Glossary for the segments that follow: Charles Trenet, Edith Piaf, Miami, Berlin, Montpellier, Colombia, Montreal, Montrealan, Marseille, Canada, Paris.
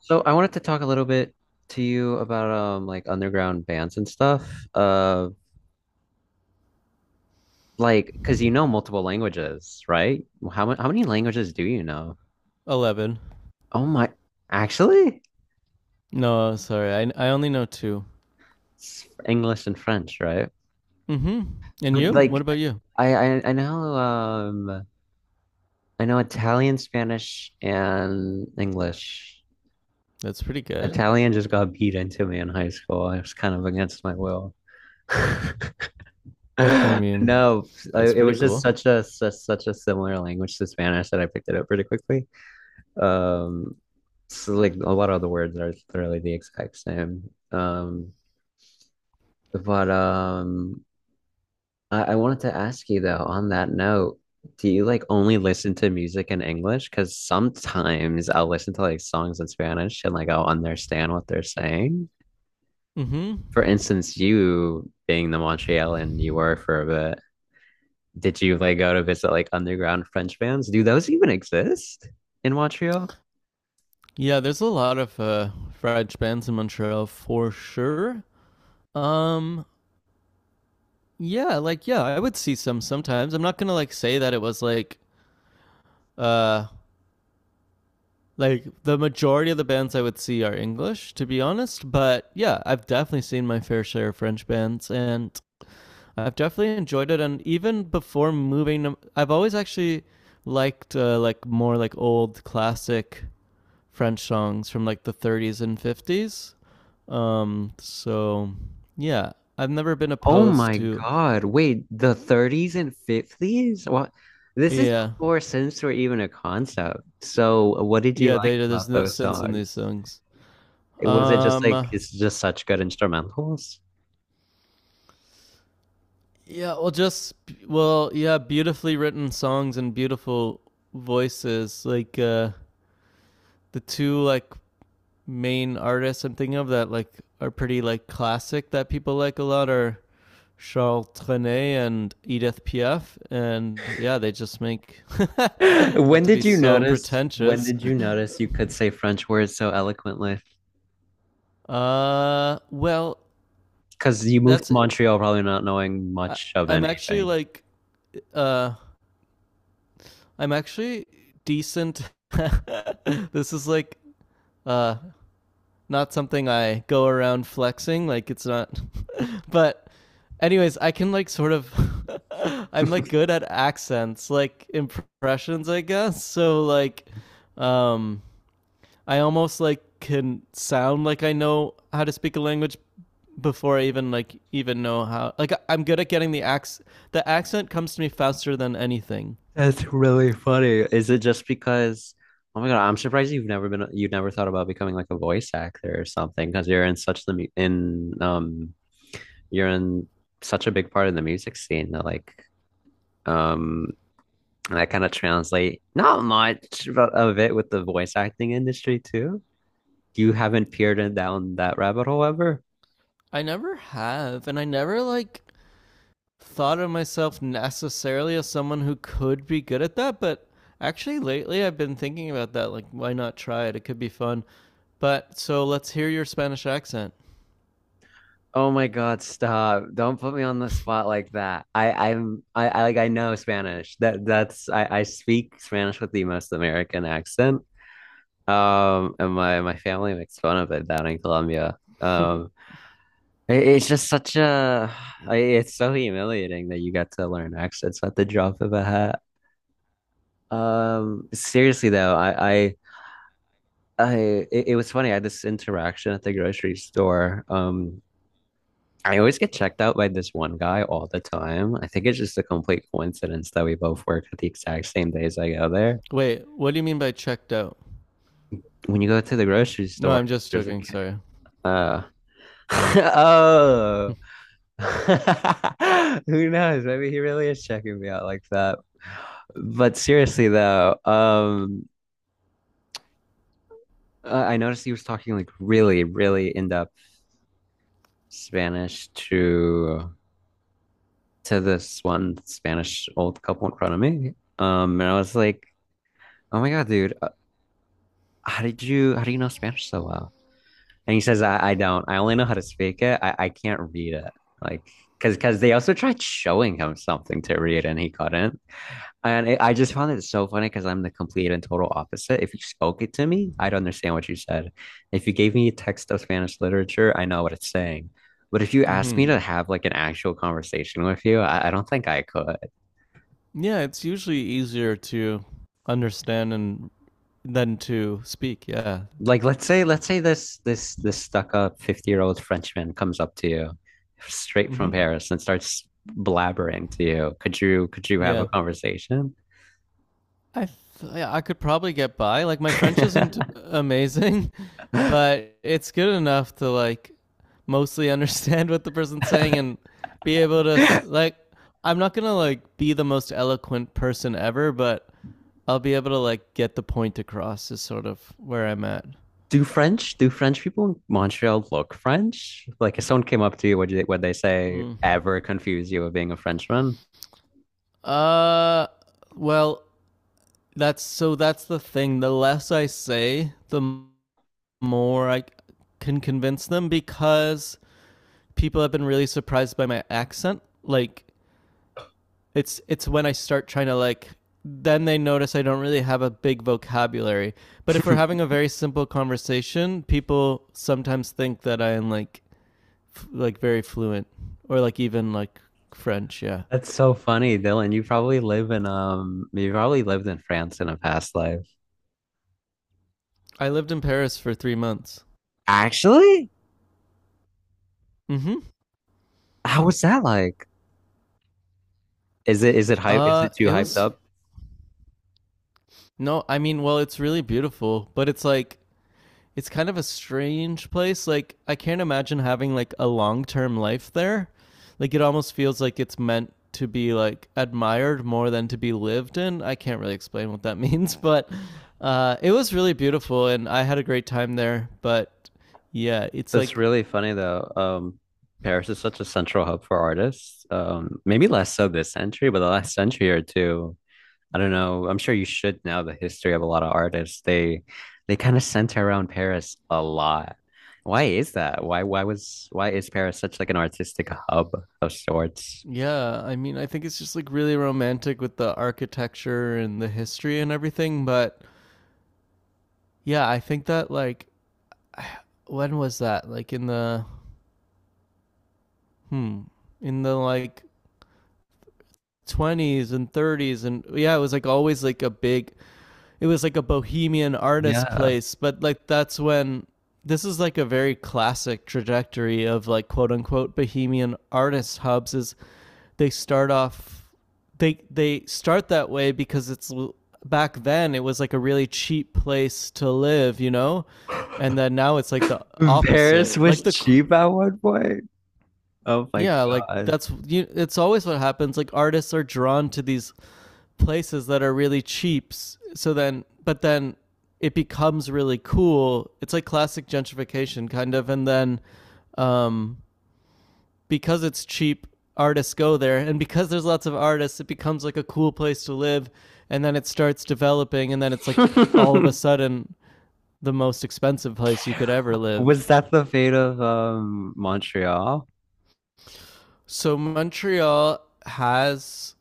So I wanted to talk a little bit to you about like underground bands and stuff. Uh like because you know multiple languages, right? How many languages do you know? 11. Oh my, actually, No, sorry. I only know two. it's English and French, right? Mm-hmm. And But Yeah. you? What like about you? I know I know Italian, Spanish, and English. That's pretty good. Italian just got beat into me in high school. I was kind of against my will. I mean, No, that's it pretty was just cool. such a such a similar language to Spanish that I picked it up pretty quickly. Um, so like a lot of the words are literally the exact same. But I wanted to ask you though, on that note, do you like only listen to music in English? Because sometimes I'll listen to like songs in Spanish and like I'll understand what they're saying. Mm-hmm. For instance, you being the Montrealan you were for a bit. Did you like go to visit like underground French bands? Do those even exist in Montreal? Yeah, there's a lot of French bands in Montreal for sure. Um, yeah, like yeah, I would see some sometimes. I'm not gonna like say that it was uh like the majority of the bands I would see are English, to be honest. But yeah, I've definitely seen my fair share of French bands, and I've definitely enjoyed it, and even before moving, I've always actually liked like more like old classic French songs from like the 30s and 50s. So yeah, I've never been Oh opposed my to. God. Wait, the 30s and 50s? What? This is Yeah, before synths were even a concept. So what did you yeah. like They there's about no those sense in these songs? songs. It was it just like Um, it's just such good instrumentals? yeah. Well, yeah. Beautifully written songs and beautiful voices. Like the two like main artists I'm thinking of that like are pretty like classic that people like a lot are Charles Trenet and Edith Piaf, and yeah, they just make not When to be did you so notice when pretentious. did you notice you could say French words so eloquently? Well, Because you moved that's to it. Montreal probably not knowing I, much of I'm actually anything. like, uh, I'm actually decent. This is like uh not something I go around flexing. Like it's not. But anyways, I can like sort of I'm like good at accents, like impressions, I guess. So like um I almost like can sound like I know how to speak a language before I even like even know how. Like I'm good at getting the accent comes to me faster than anything. That's really funny. Is it just because, oh my God, I'm surprised you've never been, you've never thought about becoming like a voice actor or something because you're in such a big part of the music scene that like, um, and I kind of translate not much of it with the voice acting industry too. You haven't peered in down that rabbit hole ever? I never have and I never like thought of myself necessarily as someone who could be good at that, but actually lately I've been thinking about that. Like, why not try it? It could be fun. But so let's hear your Spanish accent. Oh my God, stop. Don't put me on the spot like that. I like I know Spanish. That's I speak Spanish with the most American accent. And my family makes fun of it down in Colombia. It's just such a like, it's so humiliating that you got to learn accents at the drop of a hat. Seriously though, I it was funny. I had this interaction at the grocery store. I always get checked out by this one guy all the time. I think it's just a complete coincidence that we both work at the exact same days I go there. Wait, what do you mean by checked out? When you go to the grocery No, store, I'm just there's a joking. Sorry. uh oh who knows? Maybe he really is checking me out like that. But seriously though, I noticed he was talking like really, really in-depth Spanish to this one Spanish old couple in front of me. And I was like, oh my God, dude. How do you know Spanish so well? And he says, I don't. I only know how to speak it. I can't read it. Like, cause they also tried showing him something to read and he couldn't. I just found it so funny because I'm the complete and total opposite. If you spoke it to me, I'd understand what you said. If you gave me a text of Spanish literature, I know what it's saying. But if you asked Hmm. me to have like an actual conversation with you, I don't think I could. Yeah, it's usually easier to understand and than to speak. Yeah. Like let's say this stuck up 50-year-old Frenchman comes up to you straight from Hmm. Paris and starts blabbering to you. Could you have a Yeah. conversation? I yeah, I could probably get by. Like my French isn't amazing, but it's good enough to like mostly understand what the person's saying and be able to like, I'm not going to like be the most eloquent person ever, but I'll be able to like get the point across is sort of where I'm at. Do French people in Montreal look French? Like if someone came up to you, would they say Mm. ever confuse you with being a Frenchman? Uh well, that's the thing. The less I say, the more I can convince them because people have been really surprised by my accent. Like it's when I start trying to like then they notice I don't really have a big vocabulary. But if we're having a very simple conversation, people sometimes think that I am like like very fluent or like even like French, yeah. That's so funny, Dylan. You probably lived in France in a past life. I lived in Paris for 3 months. Actually? Mhm. How was that like? Is it is it hype is it too It hyped was up? no, I mean, well, it's really beautiful, but it's like it's kind of a strange place. Like I can't imagine having like a long term life there. Like it almost feels like it's meant to be like admired more than to be lived in. I can't really explain what that means, but it was really beautiful and I had a great time there. But yeah, it's That's like really funny though. Paris is such a central hub for artists. Maybe less so this century, but the last century or two, I don't know. I'm sure you should know the history of a lot of artists. They kind of center around Paris a lot. Why is that? Why is Paris such like an artistic hub of sorts? yeah, I mean I think it's just like really romantic with the architecture and the history and everything. But yeah, I think that like when was that? Like in the hmm in the like 20s and 30s, and yeah it was like always like a big, it was like a bohemian artist Yeah. place but like that's when this is like a very classic trajectory of like quote unquote bohemian artist hubs is they start off, they start that way because it's back then it was like a really cheap place to live, you know. And then now it's like the opposite, Paris was like the cheap at one point. Oh my yeah like God. that's you it's always what happens, like artists are drawn to these places that are really cheap. So then, but then it becomes really cool. It's like classic gentrification, kind of. And then um, because it's cheap, artists go there. And because there's lots of artists, it becomes like a cool place to live. And then it starts developing. And then it's like all of a sudden the most expensive place you could ever Was live. that the fate of Montreal? So Montreal has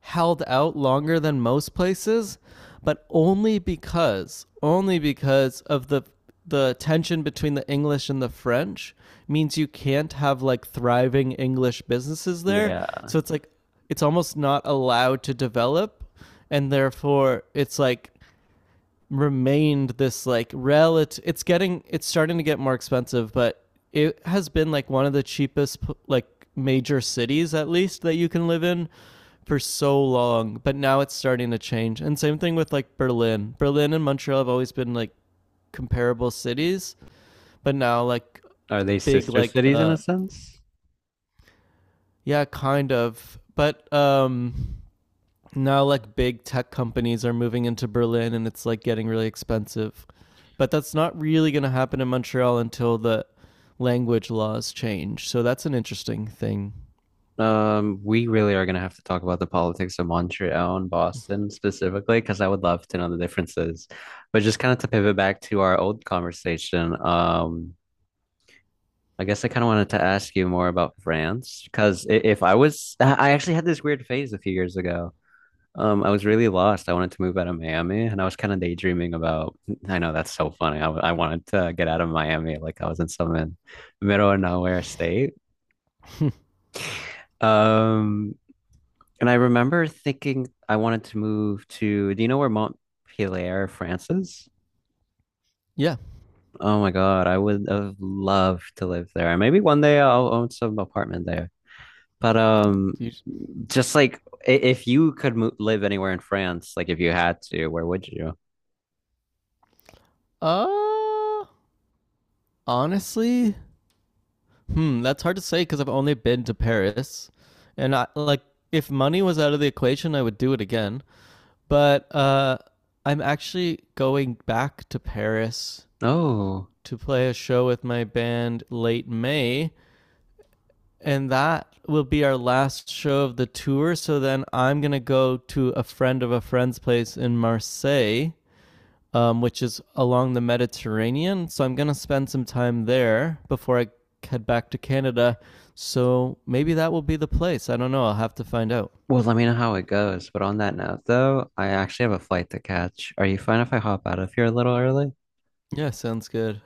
held out longer than most places, but only because of the tension between the English and the French means you can't have like thriving English businesses there. Yeah. So it's like it's almost not allowed to develop and therefore it's like remained this like relative, it's getting, it's starting to get more expensive but it has been like one of the cheapest like major cities at least that you can live in for so long but now it's starting to change and same thing with like berlin and montreal have always been like comparable cities but now like Are they big sister like cities in a sense? yeah kind of, but now like big tech companies are moving into Berlin and it's like getting really expensive. But that's not really going to happen in Montreal until the language laws change. So that's an interesting thing. We really are gonna have to talk about the politics of Montreal and Boston specifically, because I would love to know the differences. But just kind of to pivot back to our old conversation, I guess I kind of wanted to ask you more about France, because if I was, I actually had this weird phase a few years ago. I was really lost. I wanted to move out of Miami, and I was kind of daydreaming about. I know that's so funny. I wanted to get out of Miami, like I was in some middle of nowhere state. Um, And I remember thinking I wanted to move to, do you know where Montpellier, France is? Yeah. Oh my God, I would have loved to live there. Maybe one day I'll own some apartment there. But You- just like If you could mo live anywhere in France, like if you had to, where would you? Uh honestly, hmm, that's hard to say cuz I've only been to Paris and I like if money was out of the equation, I would do it again. But I'm actually going back to Paris Oh, to play a show with my band late May and that will be our last show of the tour. So then I'm gonna go to a friend of a friend's place in Marseille, which is along the Mediterranean. So I'm gonna spend some time there before I head back to Canada. So maybe that will be the place. I don't know. I'll have to find out. well, let me know how it goes. But on that note, though, I actually have a flight to catch. Are you fine if I hop out of here a little early? Yeah, sounds good.